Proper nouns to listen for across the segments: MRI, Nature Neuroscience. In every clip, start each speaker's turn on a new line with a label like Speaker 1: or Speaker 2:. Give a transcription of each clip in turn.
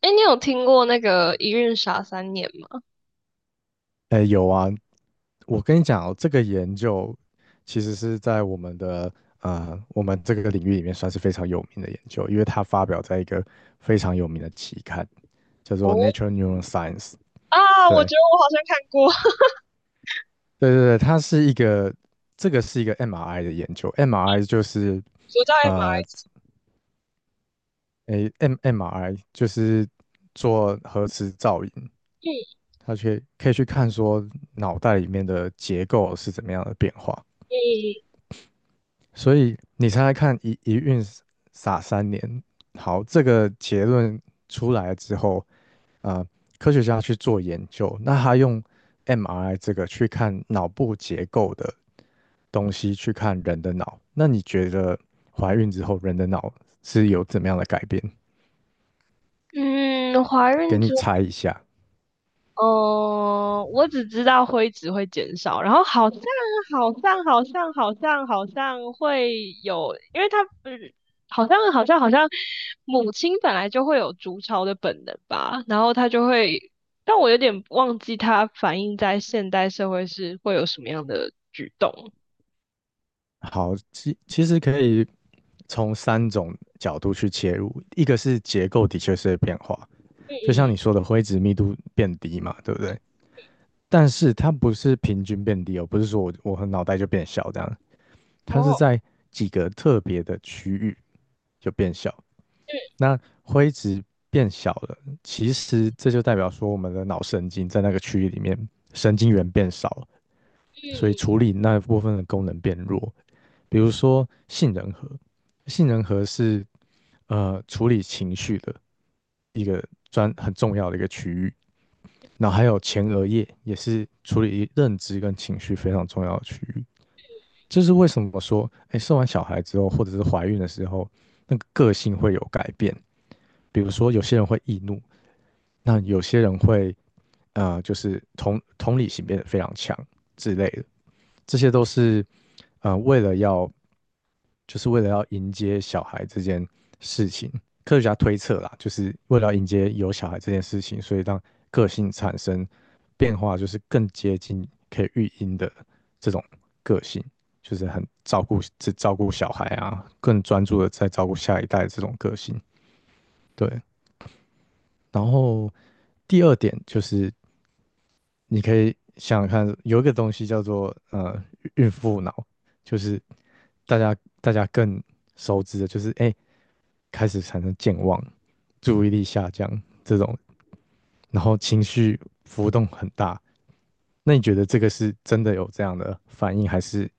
Speaker 1: 哎，你有听过那个《一孕傻三年》吗？
Speaker 2: 哎，有啊，我跟你讲哦，这个研究其实是在我们的我们这个领域里面算是非常有名的研究，因为它发表在一个非常有名的期刊，叫
Speaker 1: 哦
Speaker 2: 做《Nature Neuroscience》。
Speaker 1: 啊，我
Speaker 2: 对，
Speaker 1: 觉得我好像看过，
Speaker 2: 对，它是一个，这个是一个 MRI 的研究，MRI 就是
Speaker 1: 我在马来
Speaker 2: 呃，
Speaker 1: 西
Speaker 2: 诶，M MRI 就是做核磁造影，
Speaker 1: 亚。
Speaker 2: 它去可以去看说脑袋里面的结构是怎么样的变化。所以你猜猜看一孕傻三年，好，这个结论出来之后，啊，科学家去做研究，那他用 MRI 这个去看脑部结构的东西，去看人的脑。那你觉得怀孕之后人的脑是有怎么样的改变？
Speaker 1: 嗯嗯嗯，怀
Speaker 2: 给
Speaker 1: 孕
Speaker 2: 你
Speaker 1: 之后，
Speaker 2: 猜一下。
Speaker 1: 我只知道灰值会减少，然后好像好像好像好像好像会有，因为他嗯，好像好像好像母亲本来就会有筑巢的本能吧，然后它就会，但我有点忘记它反映在现代社会是会有什么样的举动。
Speaker 2: 好，其实可以从三种角度去切入，一个是结构的确是会变化，
Speaker 1: 嗯
Speaker 2: 就像你
Speaker 1: 嗯
Speaker 2: 说的灰质密度变低嘛，对不对？但是它不是平均变低哦，不是说我脑袋就变小这样，它
Speaker 1: 哦，
Speaker 2: 是在几个特别的区域就变小。那灰质变小了，其实这就代表说我们的脑神经在那个区域里面神经元变少了，所以
Speaker 1: 嗯
Speaker 2: 处理那部分的功能变弱。比如说杏仁核，杏仁核是处理情绪的一个很重要的一个区域，然后还有前额叶也是处理认知跟情绪非常重要的区域。这是为什么说，哎，生完小孩之后，或者是怀孕的时候，那个个性会有改变。比如说，有些人会易怒，那有些人会，就是同理心变得非常强之类的。这些都是，为了要，就是为了要迎接小孩这件事情，科学家推测啦，就是为了要迎接有小孩这件事情，所以让个性产生变化，就是更接近可以育婴的这种个性，就是很照顾只照顾小孩啊，更专注的在照顾下一代这种个性。对，然后第二点就是你可以想想看，有一个东西叫做孕妇脑，就是大家大家更熟知的，就是诶开始产生健忘、注意力下降这种，然后情绪浮动很大。那你觉得这个是真的有这样的反应，还是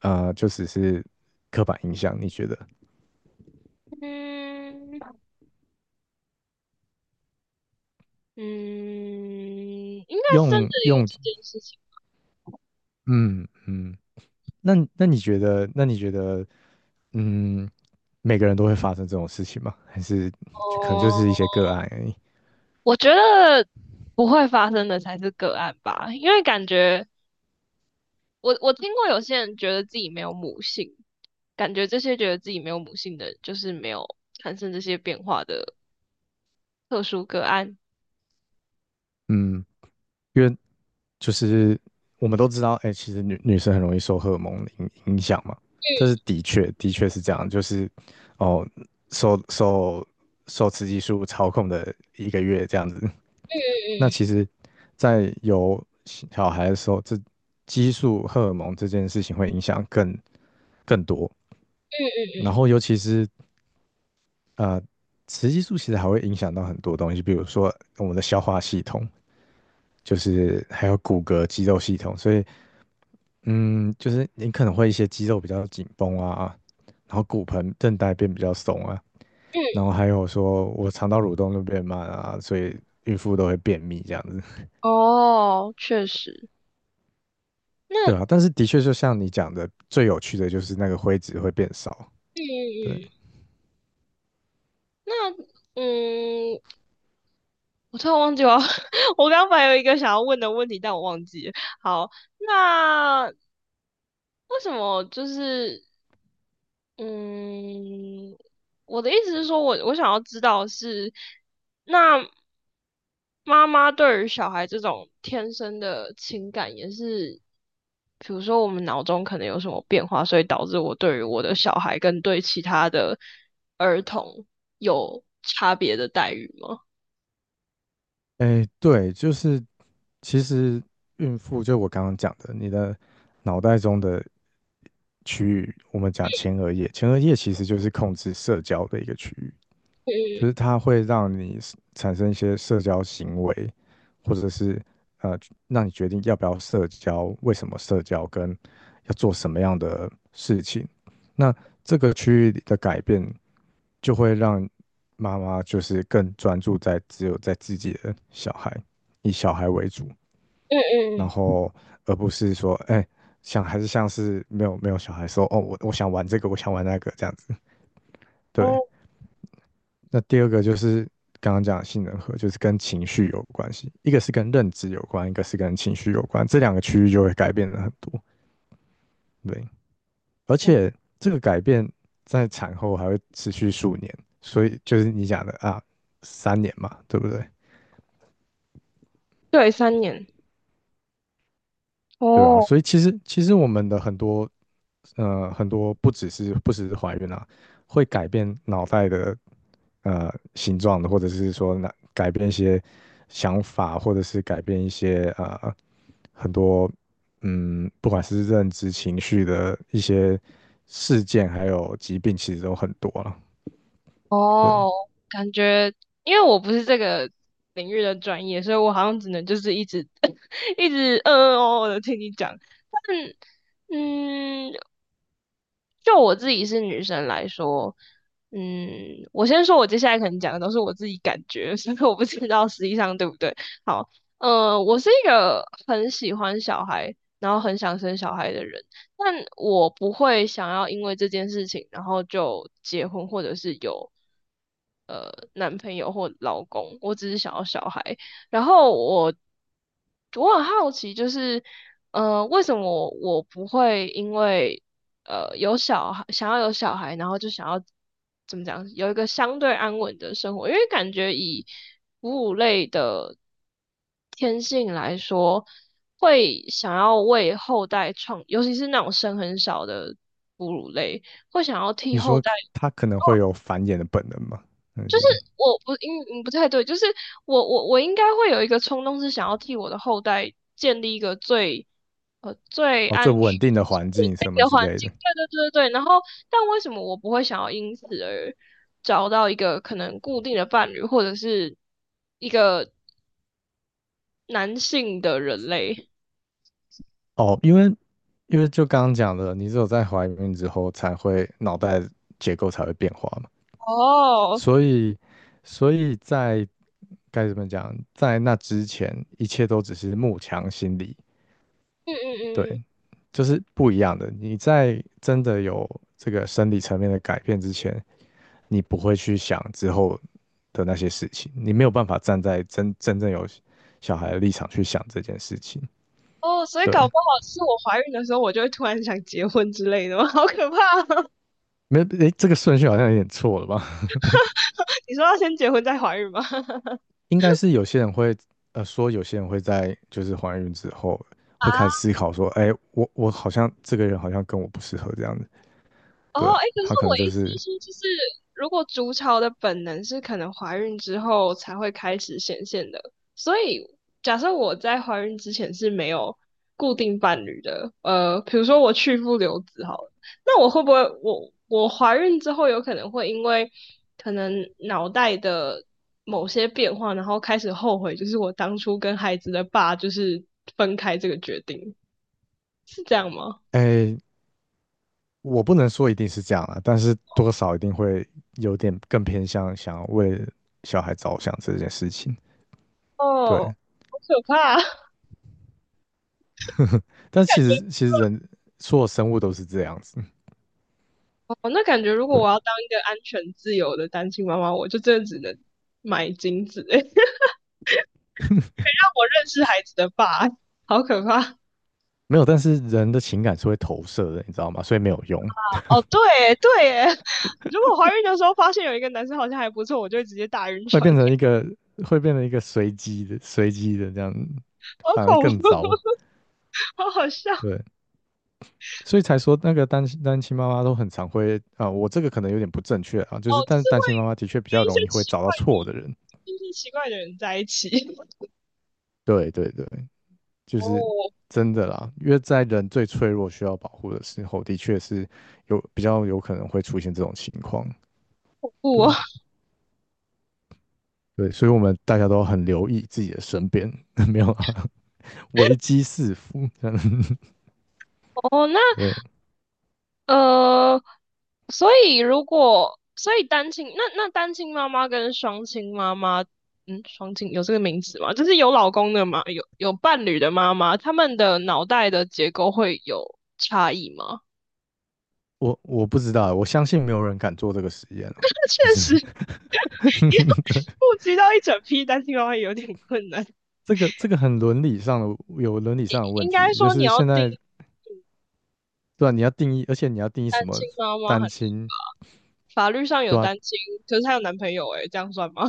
Speaker 2: 就只是刻板印象？你觉得
Speaker 1: 嗯嗯，嗯，应该是真的
Speaker 2: 用
Speaker 1: 有
Speaker 2: 用
Speaker 1: 这件事情。
Speaker 2: 嗯嗯，那你觉得嗯每个人都会发生这种事情吗？还是就可能就是一
Speaker 1: 哦，
Speaker 2: 些个案而已？
Speaker 1: 我觉得不会发生的才是个案吧，因为感觉我听过有些人觉得自己没有母性，感觉这些觉得自己没有母性的人就是没有产生这些变化的特殊个案。
Speaker 2: 嗯，因为就是我们都知道，哎、其实女生很容易受荷尔蒙的影响嘛，这是的确的确是这样，就是哦，受受受雌激素操控的一个月这样子。那其
Speaker 1: 嗯
Speaker 2: 实，在有小孩的时候，这激素荷尔蒙这件事情会影响更多。
Speaker 1: 嗯
Speaker 2: 然后，尤其是呃，雌激素其实还会影响到很多东西，比如说我们的消化系统，就是还有骨骼、肌肉系统，所以嗯，就是你可能会一些肌肉比较紧绷啊，然后骨盆韧带变比较松啊，
Speaker 1: 嗯嗯。
Speaker 2: 然后还有说我肠道蠕动就变慢啊，所以孕妇都会便秘这样子，
Speaker 1: 哦，确实。那
Speaker 2: 对
Speaker 1: 嗯
Speaker 2: 啊，但是的确就像你讲的，最有趣的就是那个灰质会变少，对。
Speaker 1: 嗯，那嗯，我突然忘记了，我刚刚本来有一个想要问的问题，但我忘记了。好，那为什么就是嗯，我的意思是说我想要知道的是，那妈妈对于小孩这种天生的情感也是，比如说我们脑中可能有什么变化，所以导致我对于我的小孩跟对其他的儿童有差别的待遇吗？
Speaker 2: 哎，对，就是其实孕妇，就我刚刚讲的，你的脑袋中的区域，我们讲前额叶，前额叶其实就是控制社交的一个区域。就
Speaker 1: 嗯
Speaker 2: 是它会让你 产生一些社交行为，或者是呃，让你决定要不要社交，为什么社交，跟要做什么样的事情。那这个区域里的改变，就会让妈妈就是更专注在只有在自己的小孩，以小孩为主，
Speaker 1: 嗯
Speaker 2: 然
Speaker 1: 嗯嗯，
Speaker 2: 后而不是说，哎、像还是像是没有小孩说，哦，我想玩这个，我想玩那个这样子。对，
Speaker 1: 哦，
Speaker 2: 那第二个就是刚刚讲的杏仁核，就是跟情绪有关系，一个是跟认知有关，一个是跟情绪有关，这两个区域就会改变的很多。对，而且这个改变在产后还会持续数年，所以就是你讲的啊，三年嘛，对不对？
Speaker 1: 对，三年。
Speaker 2: 对啊，
Speaker 1: 哦
Speaker 2: 所以其实我们的很多不只是怀孕啊，会改变脑袋的形状的，或者是说那改变一些想法，或者是改变一些很多嗯不管是认知、情绪的一些事件，还有疾病，其实都很多了。对，
Speaker 1: 哦，感觉因为我不是这个领域的专业，所以我好像只能就是一直 一直嗯嗯哦哦的听你讲。但嗯，就我自己是女生来说，嗯，我先说，我接下来可能讲的都是我自己感觉，所以我不知道实际上对不对。好，我是一个很喜欢小孩，然后很想生小孩的人，但我不会想要因为这件事情，然后就结婚或者是有男朋友或老公，我只是想要小孩。然后我很好奇，就是为什么我不会因为有小孩，想要有小孩，然后就想要怎么讲，有一个相对安稳的生活，因为感觉以哺乳类的天性来说，会想要为后代创，尤其是那种生很少的哺乳类，会想要替
Speaker 2: 你
Speaker 1: 后
Speaker 2: 说
Speaker 1: 代
Speaker 2: 可它可能会有繁衍的本能嘛？但是
Speaker 1: 我不应嗯不太对，就是我应该会有一个冲动，是想要替我的后代建立一个最最
Speaker 2: 哦，
Speaker 1: 安
Speaker 2: 最
Speaker 1: 全、
Speaker 2: 不稳定的
Speaker 1: 最
Speaker 2: 环
Speaker 1: 稳
Speaker 2: 境什
Speaker 1: 定
Speaker 2: 么
Speaker 1: 的
Speaker 2: 之
Speaker 1: 环
Speaker 2: 类
Speaker 1: 境。
Speaker 2: 的。
Speaker 1: 对对对对对。然后，但为什么我不会想要因此而找到一个可能固定的伴侣，或者是一个男性的人类？
Speaker 2: 哦，因为就刚刚讲的，你只有在怀孕之后才会脑袋结构才会变化嘛，
Speaker 1: 哦，
Speaker 2: 所以所以在该怎么讲，在那之前一切都只是慕强心理，
Speaker 1: 嗯嗯
Speaker 2: 对，
Speaker 1: 嗯嗯，
Speaker 2: 就是不一样的。你在真的有这个生理层面的改变之前，你不会去想之后的那些事情，你没有办法站在真正有小孩的立场去想这件事情，
Speaker 1: 哦，所以搞
Speaker 2: 对。
Speaker 1: 不好是我怀孕的时候，我就会突然想结婚之类的吗？好可怕。哦！
Speaker 2: 没，诶，这个顺序好像有点错了吧？
Speaker 1: 你说要先结婚再怀孕吗？
Speaker 2: 应该是有些人会，说有些人会在就是怀孕之后会开始
Speaker 1: 啊，
Speaker 2: 思考说，哎，我好像这个人好像跟我不适合这样子，
Speaker 1: 哦，
Speaker 2: 对，
Speaker 1: 哎，可是
Speaker 2: 他可能
Speaker 1: 我
Speaker 2: 就
Speaker 1: 意思
Speaker 2: 是，
Speaker 1: 是说，就是如果筑巢的本能是可能怀孕之后才会开始显现的，所以假设我在怀孕之前是没有固定伴侣的，比如说我去父留子好了，那我会不会我怀孕之后有可能会因为可能脑袋的某些变化，然后开始后悔，就是我当初跟孩子的爸就是分开这个决定，是这样吗？
Speaker 2: 哎，我不能说一定是这样啊，但是多少一定会有点更偏向想要为小孩着想这件事情，对，
Speaker 1: 哦，好可怕啊，
Speaker 2: 但
Speaker 1: 感
Speaker 2: 其实人所有生物都是这样子，嗯
Speaker 1: 哦，那感觉如果
Speaker 2: 对，
Speaker 1: 我要当一个安全自由的单亲妈妈，我就真的只能买精子，让我认识孩子的爸，好可怕。
Speaker 2: 没有，但是人的情感是会投射的，你知道吗？所以没有用，
Speaker 1: 哦，对耶对耶，如果怀孕的时候发现有一个男生好像还不错，我就会直接大晕
Speaker 2: 会
Speaker 1: 船，
Speaker 2: 变 成一个会变成一个随机的这样，
Speaker 1: 好
Speaker 2: 反而
Speaker 1: 恐
Speaker 2: 更
Speaker 1: 怖，
Speaker 2: 糟。
Speaker 1: 好好笑。
Speaker 2: 对，所以才说那个单亲妈妈都很常会啊，我这个可能有点不正确啊，
Speaker 1: 哦，
Speaker 2: 就是
Speaker 1: 就
Speaker 2: 但是
Speaker 1: 是
Speaker 2: 单
Speaker 1: 会
Speaker 2: 亲妈妈的确比
Speaker 1: 跟
Speaker 2: 较
Speaker 1: 一
Speaker 2: 容
Speaker 1: 些
Speaker 2: 易会
Speaker 1: 奇
Speaker 2: 找到
Speaker 1: 怪
Speaker 2: 错的人。
Speaker 1: 的、一些奇怪的人在一起。
Speaker 2: 对对对，就是
Speaker 1: 哦，
Speaker 2: 真的啦，因为在人最脆弱需要保护的时候，的确是有比较有可能会出现这种情况。
Speaker 1: 不
Speaker 2: 对对，所以我们大家都很留意自己的身边，没有啊，危机四伏。这样
Speaker 1: 哦，那
Speaker 2: 对。
Speaker 1: 呃，所以如果所以单亲，那那单亲妈妈跟双亲妈妈，嗯，双亲有这个名字吗？就是有老公的妈，有伴侣的妈妈，他们的脑袋的结构会有差异吗？
Speaker 2: 我不知道，我相信没有人敢做这个实验 啊。
Speaker 1: 那
Speaker 2: 就
Speaker 1: 确
Speaker 2: 是
Speaker 1: 实，要
Speaker 2: 对，
Speaker 1: 顾及到一整批单亲妈妈有点困难。
Speaker 2: 这个很伦理上的有伦理上的问
Speaker 1: 应
Speaker 2: 题，
Speaker 1: 该
Speaker 2: 就
Speaker 1: 说你
Speaker 2: 是
Speaker 1: 要
Speaker 2: 现
Speaker 1: 定
Speaker 2: 在
Speaker 1: 义
Speaker 2: 对吧、你要定义，而且你要定义
Speaker 1: 单
Speaker 2: 什么
Speaker 1: 亲妈妈
Speaker 2: 单
Speaker 1: 很，
Speaker 2: 亲，
Speaker 1: 法律上有
Speaker 2: 对吧、
Speaker 1: 单亲，可是她有男朋友、欸，诶，这样算吗？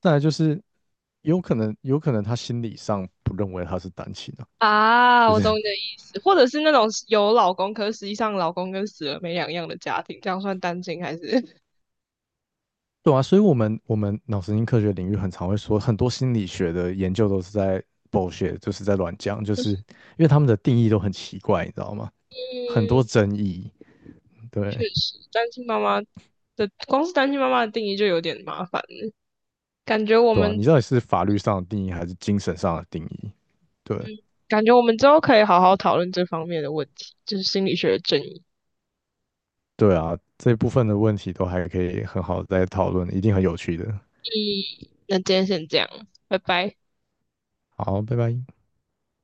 Speaker 2: 再来就是有可能他心理上不认为他是单亲啊，
Speaker 1: 啊，
Speaker 2: 就
Speaker 1: 我
Speaker 2: 是
Speaker 1: 懂你的意思，或者是那种有老公，可是实际上老公跟死了没两样的家庭，这样算单亲还是？
Speaker 2: 对啊。所以我们脑神经科学领域很常会说，很多心理学的研究都是在 bullshit，就是在乱讲，就是因为他们的定义都很奇怪，你知道吗？
Speaker 1: 嗯，
Speaker 2: 很多争议，
Speaker 1: 确
Speaker 2: 对。
Speaker 1: 实，单亲妈妈的光是单亲妈妈的定义就有点麻烦了，感觉我
Speaker 2: 对啊，
Speaker 1: 们
Speaker 2: 你到底是法律上的定义还是精神上的定义？对
Speaker 1: 感觉我们之后可以好好讨论这方面的问题，就是心理学的争议。
Speaker 2: 对啊，这部分的问题都还可以很好地再讨论，一定很有趣的。
Speaker 1: 嗯，那今天先这样，拜拜。
Speaker 2: 好，拜拜。